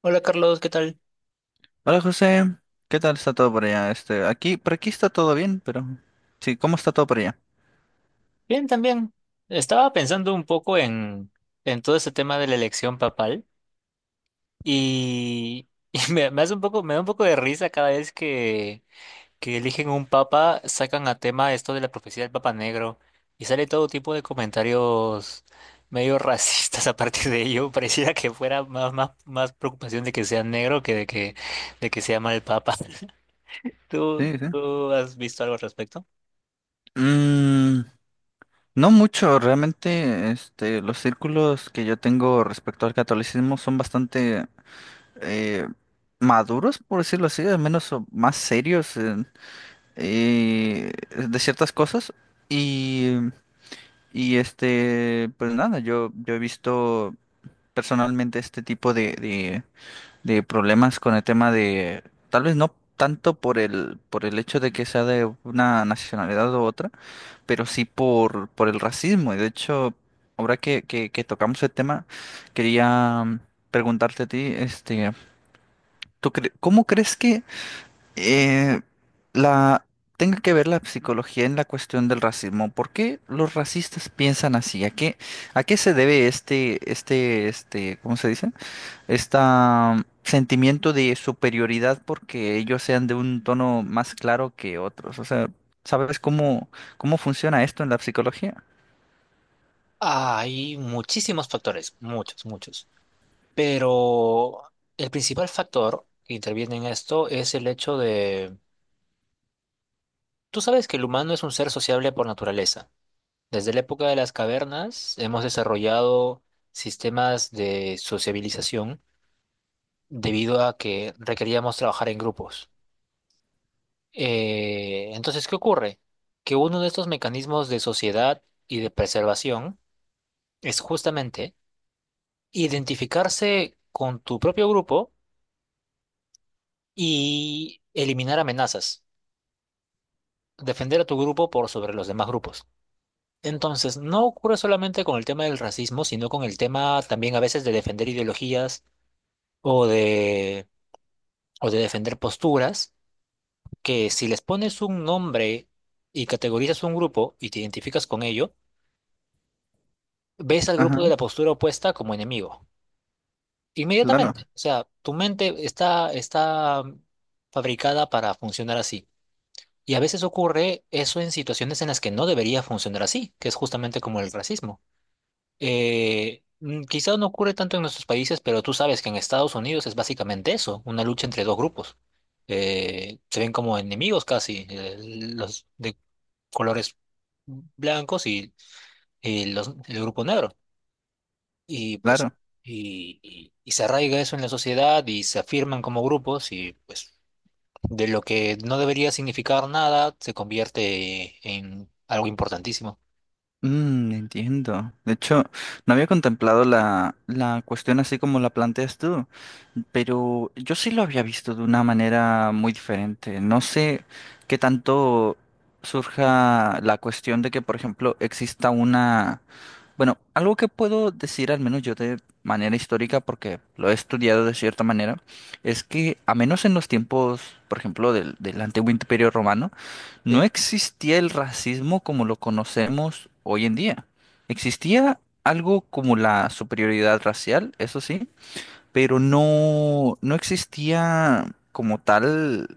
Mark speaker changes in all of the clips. Speaker 1: Hola Carlos, ¿qué tal?
Speaker 2: Hola José, ¿qué tal está todo por allá? Este, por aquí está todo bien, pero sí, ¿cómo está todo por allá?
Speaker 1: Bien, también. Estaba pensando un poco en todo ese tema de la elección papal y, y me hace un poco, me da un poco de risa cada vez que eligen un papa, sacan a tema esto de la profecía del Papa Negro y sale todo tipo de comentarios medio racistas a partir de ello. Pareciera que fuera más preocupación de que sea negro que de que sea mal papa. ¿Tú,
Speaker 2: Sí, sí.
Speaker 1: tú has visto algo al respecto?
Speaker 2: Mm, no mucho, realmente, este, los círculos que yo tengo respecto al catolicismo son bastante eh, maduros, por decirlo así, al menos o más serios eh, de ciertas cosas. Y, y este, pues nada, yo he visto personalmente este tipo de problemas con el tema de, tal vez no tanto por el, hecho de que sea de una nacionalidad u otra, pero sí por el racismo. Y de hecho, ahora que tocamos el tema, quería preguntarte a ti, este, cómo crees que eh, la tenga que ver la psicología en la cuestión del racismo? ¿Por qué los racistas piensan así? ¿A qué se debe este, (¿cómo se dice?) Este sentimiento de superioridad porque ellos sean de un tono más claro que otros? O sea, ¿sabes cómo funciona esto en la psicología?
Speaker 1: Hay muchísimos factores, muchos. Pero el principal factor que interviene en esto es el hecho de... Tú sabes que el humano es un ser sociable por naturaleza. Desde la época de las cavernas hemos desarrollado sistemas de sociabilización debido a que requeríamos trabajar en grupos. Entonces, ¿qué ocurre? Que uno de estos mecanismos de sociedad y de preservación es justamente identificarse con tu propio grupo y eliminar amenazas, defender a tu grupo por sobre los demás grupos. Entonces, no ocurre solamente con el tema del racismo, sino con el tema también a veces de defender ideologías o de, o de defender posturas, que si les pones un nombre y categorizas un grupo y te identificas con ello, ves al grupo
Speaker 2: Ajá,
Speaker 1: de la postura opuesta como enemigo.
Speaker 2: claro,
Speaker 1: Inmediatamente. O sea, tu está fabricada para funcionar así. Y a veces ocurre eso en situaciones en las que no debería funcionar así, que es justamente como el racismo. Quizá no ocurre tanto en nuestros países, pero tú sabes que en Estados Unidos es básicamente eso, una lucha entre dos grupos. Se ven como enemigos casi, los de colores blancos y el grupo negro. Y pues,
Speaker 2: claro.
Speaker 1: y se arraiga eso en la sociedad y se afirman como grupos y pues de lo que no debería significar nada, se convierte en algo importantísimo.
Speaker 2: Mm, entiendo. De hecho, no había contemplado la cuestión así como la planteas tú, pero yo sí lo había visto de una manera muy diferente. No sé qué tanto surja la cuestión de que, por ejemplo, exista una. Bueno, algo que puedo decir, al menos yo de manera histórica, porque lo he estudiado de cierta manera, es que a menos en los tiempos, por ejemplo, del antiguo Imperio Romano, no
Speaker 1: ¿Sí?
Speaker 2: existía el racismo como lo conocemos hoy en día. Existía algo como la superioridad racial, eso sí, pero no, no existía como tal.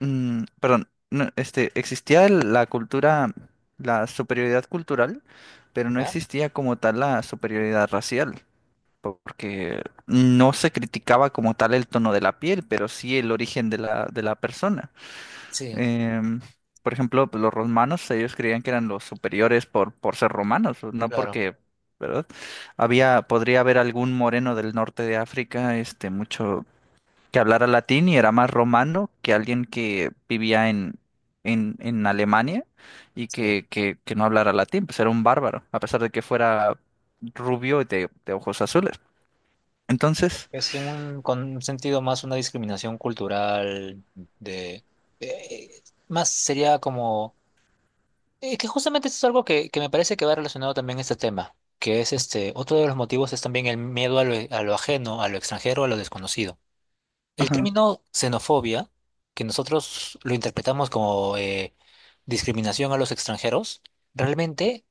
Speaker 2: Perdón, no, este, existía la cultura, la superioridad cultural, pero no
Speaker 1: ¿Ya?
Speaker 2: existía como tal la superioridad racial, porque no se criticaba como tal el tono de la piel, pero sí el origen de la persona.
Speaker 1: Sí,
Speaker 2: Em, por ejemplo, pues, los romanos, ellos creían que eran los superiores por ser romanos, no
Speaker 1: claro.
Speaker 2: porque, ¿verdad? Había, podría haber algún moreno del norte de África, este, mucho que hablara latín y era más romano que alguien que vivía en, en Alemania y
Speaker 1: Sí.
Speaker 2: que, que no hablara latín, pues era un bárbaro, a pesar de que fuera rubio y de ojos azules. Entonces,
Speaker 1: Es un, con un sentido más una discriminación cultural de, de- más sería como que justamente esto es algo que me parece que va relacionado también a este tema, que es este, otro de los motivos es también el miedo a a lo ajeno, a lo extranjero, a lo desconocido. El
Speaker 2: ajá,
Speaker 1: término xenofobia, que nosotros lo interpretamos como discriminación a los extranjeros, realmente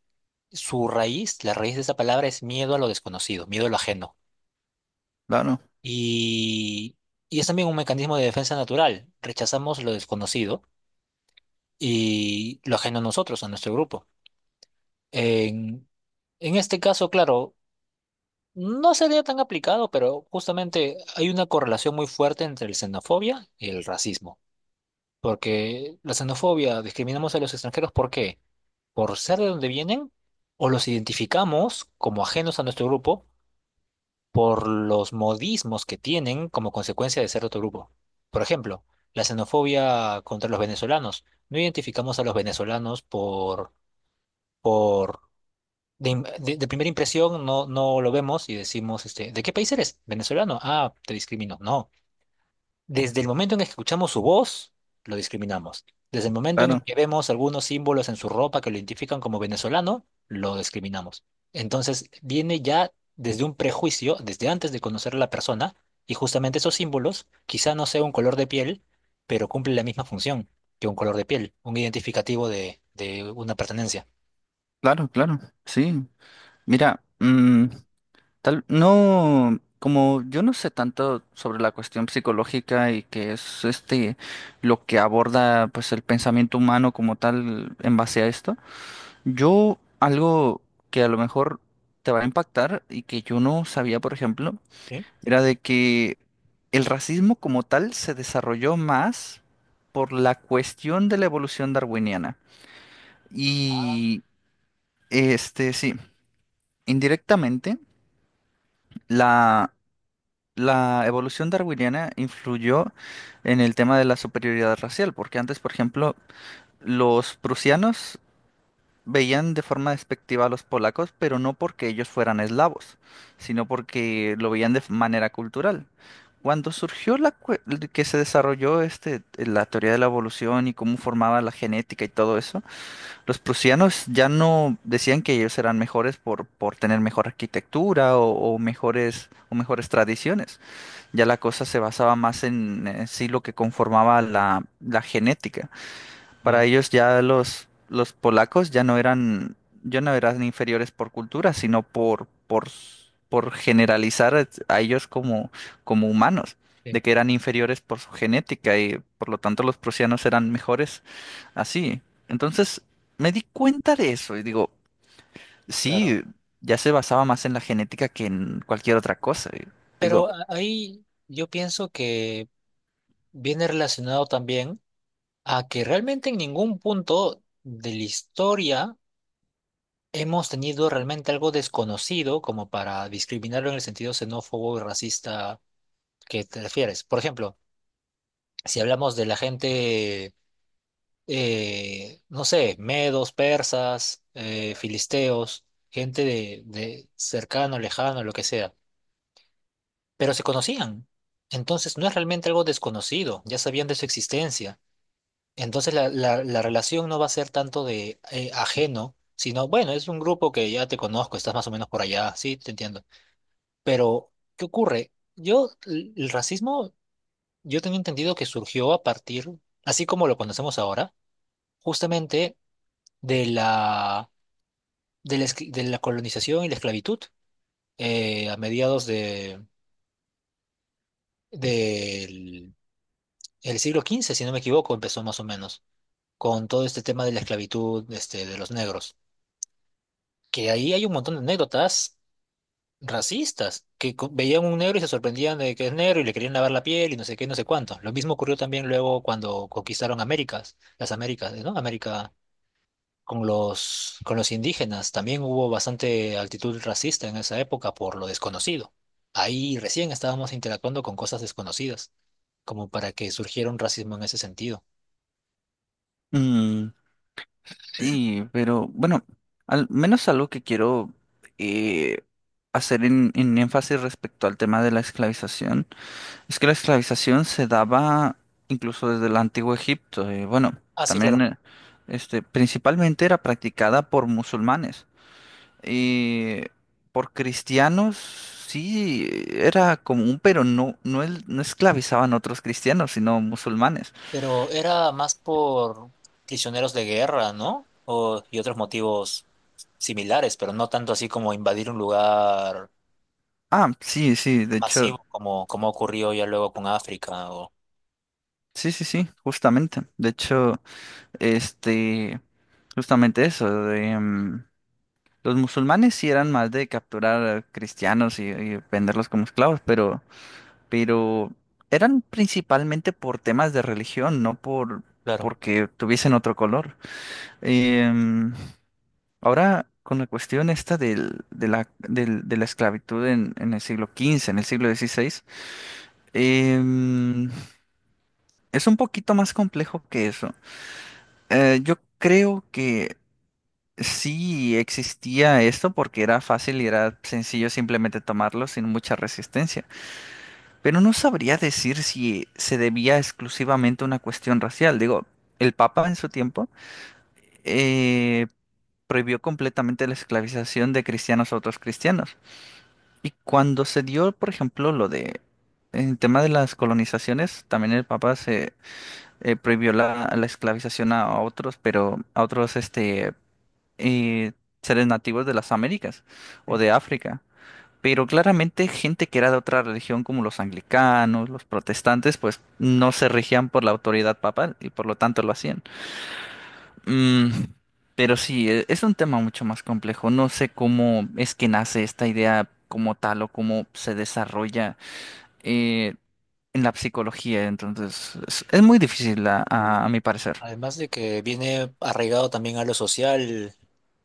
Speaker 1: su raíz, la raíz de esa palabra es miedo a lo desconocido, miedo a lo ajeno.
Speaker 2: claro,
Speaker 1: Y, y es también un mecanismo de defensa natural. Rechazamos lo desconocido y lo ajeno a nosotros, a nuestro grupo. En, en este caso, claro, no sería tan aplicado, pero justamente hay una correlación muy fuerte entre la xenofobia y el racismo. Porque la xenofobia, discriminamos a los extranjeros, ¿por qué? ¿Por ser de donde vienen? ¿O los identificamos como ajenos a nuestro grupo por los modismos que tienen como consecuencia de ser de otro grupo? Por ejemplo, la xenofobia contra los venezolanos. No identificamos a los venezolanos por de primera impresión, no, no lo vemos y decimos, este, ¿de qué país eres? Venezolano. Ah, te discrimino. No. Desde el momento en que escuchamos su voz, lo discriminamos. Desde el momento en el
Speaker 2: claro,
Speaker 1: que vemos algunos símbolos en su ropa que lo identifican como venezolano, lo discriminamos. Entonces, viene ya desde un prejuicio, desde antes de conocer a la persona, y justamente esos símbolos, quizá no sea un color de piel, pero cumple la misma función que un color de piel, un identificativo de una pertenencia.
Speaker 2: claro, claro, sí. Mira, tal, no, como yo no sé tanto sobre la cuestión psicológica y que es este lo que aborda pues el pensamiento humano como tal en base a esto. Yo, algo que a lo mejor te va a impactar y que yo no sabía, por ejemplo,
Speaker 1: ¿Sí?
Speaker 2: era de que el racismo como tal se desarrolló más por la cuestión de la evolución darwiniana.
Speaker 1: Ah,
Speaker 2: Y este, sí, indirectamente, la, la evolución darwiniana influyó en el tema de la superioridad racial, porque antes, por ejemplo, los prusianos veían de forma despectiva a los polacos, pero no porque ellos fueran eslavos, sino porque lo veían de manera cultural. Cuando surgió que se desarrolló este, la teoría de la evolución y cómo formaba la genética y todo eso, los prusianos ya no decían que ellos eran mejores por tener mejor arquitectura o mejores tradiciones. Ya la cosa se basaba más en, sí lo que conformaba la genética. Para
Speaker 1: ya,
Speaker 2: ellos ya los polacos ya no eran inferiores por cultura, sino por, por generalizar a ellos como, como humanos,
Speaker 1: sí,
Speaker 2: de que eran inferiores por su genética y por lo tanto los prusianos eran mejores así. Entonces me di cuenta de eso y digo,
Speaker 1: claro.
Speaker 2: sí, ya se basaba más en la genética que en cualquier otra cosa. Y
Speaker 1: Pero
Speaker 2: digo,
Speaker 1: ahí yo pienso que viene relacionado también a que realmente en ningún punto de la historia hemos tenido realmente algo desconocido como para discriminarlo en el sentido xenófobo y racista que te refieres. Por ejemplo, si hablamos de la gente, no sé, medos, persas, filisteos, gente de cercano, lejano, lo que sea, pero se conocían. Entonces no es realmente algo desconocido, ya sabían de su existencia. Entonces la relación no va a ser tanto de ajeno, sino, bueno, es un grupo que ya te conozco, estás más o menos por allá, sí, te entiendo. Pero, ¿qué ocurre? Yo, el racismo, yo tengo entendido que surgió a partir, así como lo conocemos ahora, justamente de la, de la colonización y la esclavitud a mediados del el siglo XV, si no me equivoco, empezó más o menos, con todo este tema de la esclavitud este, de los negros, que ahí hay un montón de anécdotas racistas, que veían un negro y se sorprendían de que es negro y le querían lavar la piel y no sé qué, no sé cuánto. Lo mismo ocurrió también luego cuando conquistaron Américas, las Américas, ¿no? América con con los indígenas. También hubo bastante actitud racista en esa época por lo desconocido. Ahí recién estábamos interactuando con cosas desconocidas, como para que surgiera un racismo en ese sentido.
Speaker 2: "Mm, sí, pero bueno, al menos algo que quiero eh, hacer en, énfasis respecto al tema de la esclavización es que la esclavización se daba incluso desde el antiguo Egipto. Bueno,
Speaker 1: Ah, sí,
Speaker 2: también
Speaker 1: claro.
Speaker 2: este, principalmente era practicada por musulmanes. eh, por cristianos sí era común, pero no, no, no esclavizaban a otros cristianos, sino musulmanes.
Speaker 1: Pero era más por prisioneros de guerra, ¿no? O, y otros motivos similares, pero no tanto así como invadir un lugar
Speaker 2: Ah, sí, sí, de hecho,
Speaker 1: masivo como, como ocurrió ya luego con África. O,
Speaker 2: sí, sí, sí, justamente. De hecho. Este, justamente eso, de, los musulmanes sí eran más de capturar cristianos y venderlos como esclavos, pero, eran principalmente por temas de religión, no
Speaker 1: claro.
Speaker 2: porque tuviesen otro color. Em, Ahora, con la cuestión esta de la esclavitud en el siglo XV en el siglo XVI em, es un poquito más complejo que eso. Yo creo que sí, existía esto porque era fácil y era sencillo simplemente tomarlo sin mucha resistencia. Pero no sabría decir si se debía exclusivamente a una cuestión racial. Digo, el Papa en su tiempo eh, prohibió completamente la esclavización de cristianos a otros cristianos. Y cuando se dio, por ejemplo, lo de el tema de las colonizaciones, también el Papa se prohibió la esclavización a otros, pero a otros este eh, seres nativos de las Américas o de África. Pero claramente gente que era de otra religión como los anglicanos, los protestantes, pues no se regían por la autoridad papal y por lo tanto lo hacían. Mm, pero sí, es un tema mucho más complejo. No sé cómo es que nace esta idea como tal o cómo se desarrolla eh, en la psicología. Entonces, es muy difícil a
Speaker 1: Sí.
Speaker 2: mi parecer.
Speaker 1: Además de que viene arraigado también a lo social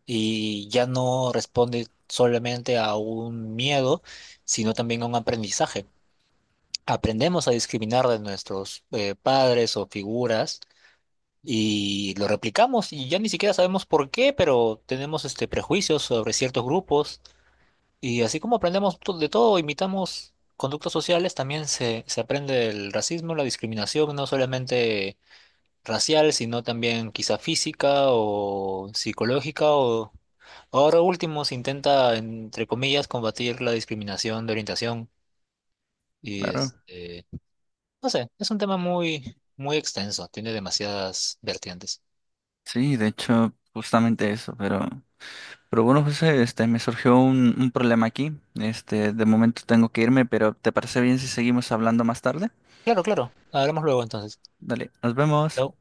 Speaker 1: y ya no responde solamente a un miedo, sino también a un aprendizaje. Aprendemos a discriminar de nuestros padres o figuras y lo replicamos y ya ni siquiera sabemos por qué, pero tenemos este prejuicios sobre ciertos grupos y así como aprendemos de todo, imitamos conductas sociales, también se aprende el racismo, la discriminación, no solamente racial, sino también quizá física o psicológica o ahora último se intenta, entre comillas, combatir la discriminación de orientación y
Speaker 2: Claro.
Speaker 1: este, no sé, es un tema muy extenso, tiene demasiadas vertientes.
Speaker 2: Sí, de hecho, justamente eso, pero bueno, José, este, me surgió un problema aquí. Este, de momento tengo que irme, pero ¿te parece bien si seguimos hablando más tarde?
Speaker 1: Claro, claro. Hablamos luego entonces.
Speaker 2: Dale, nos vemos.
Speaker 1: No.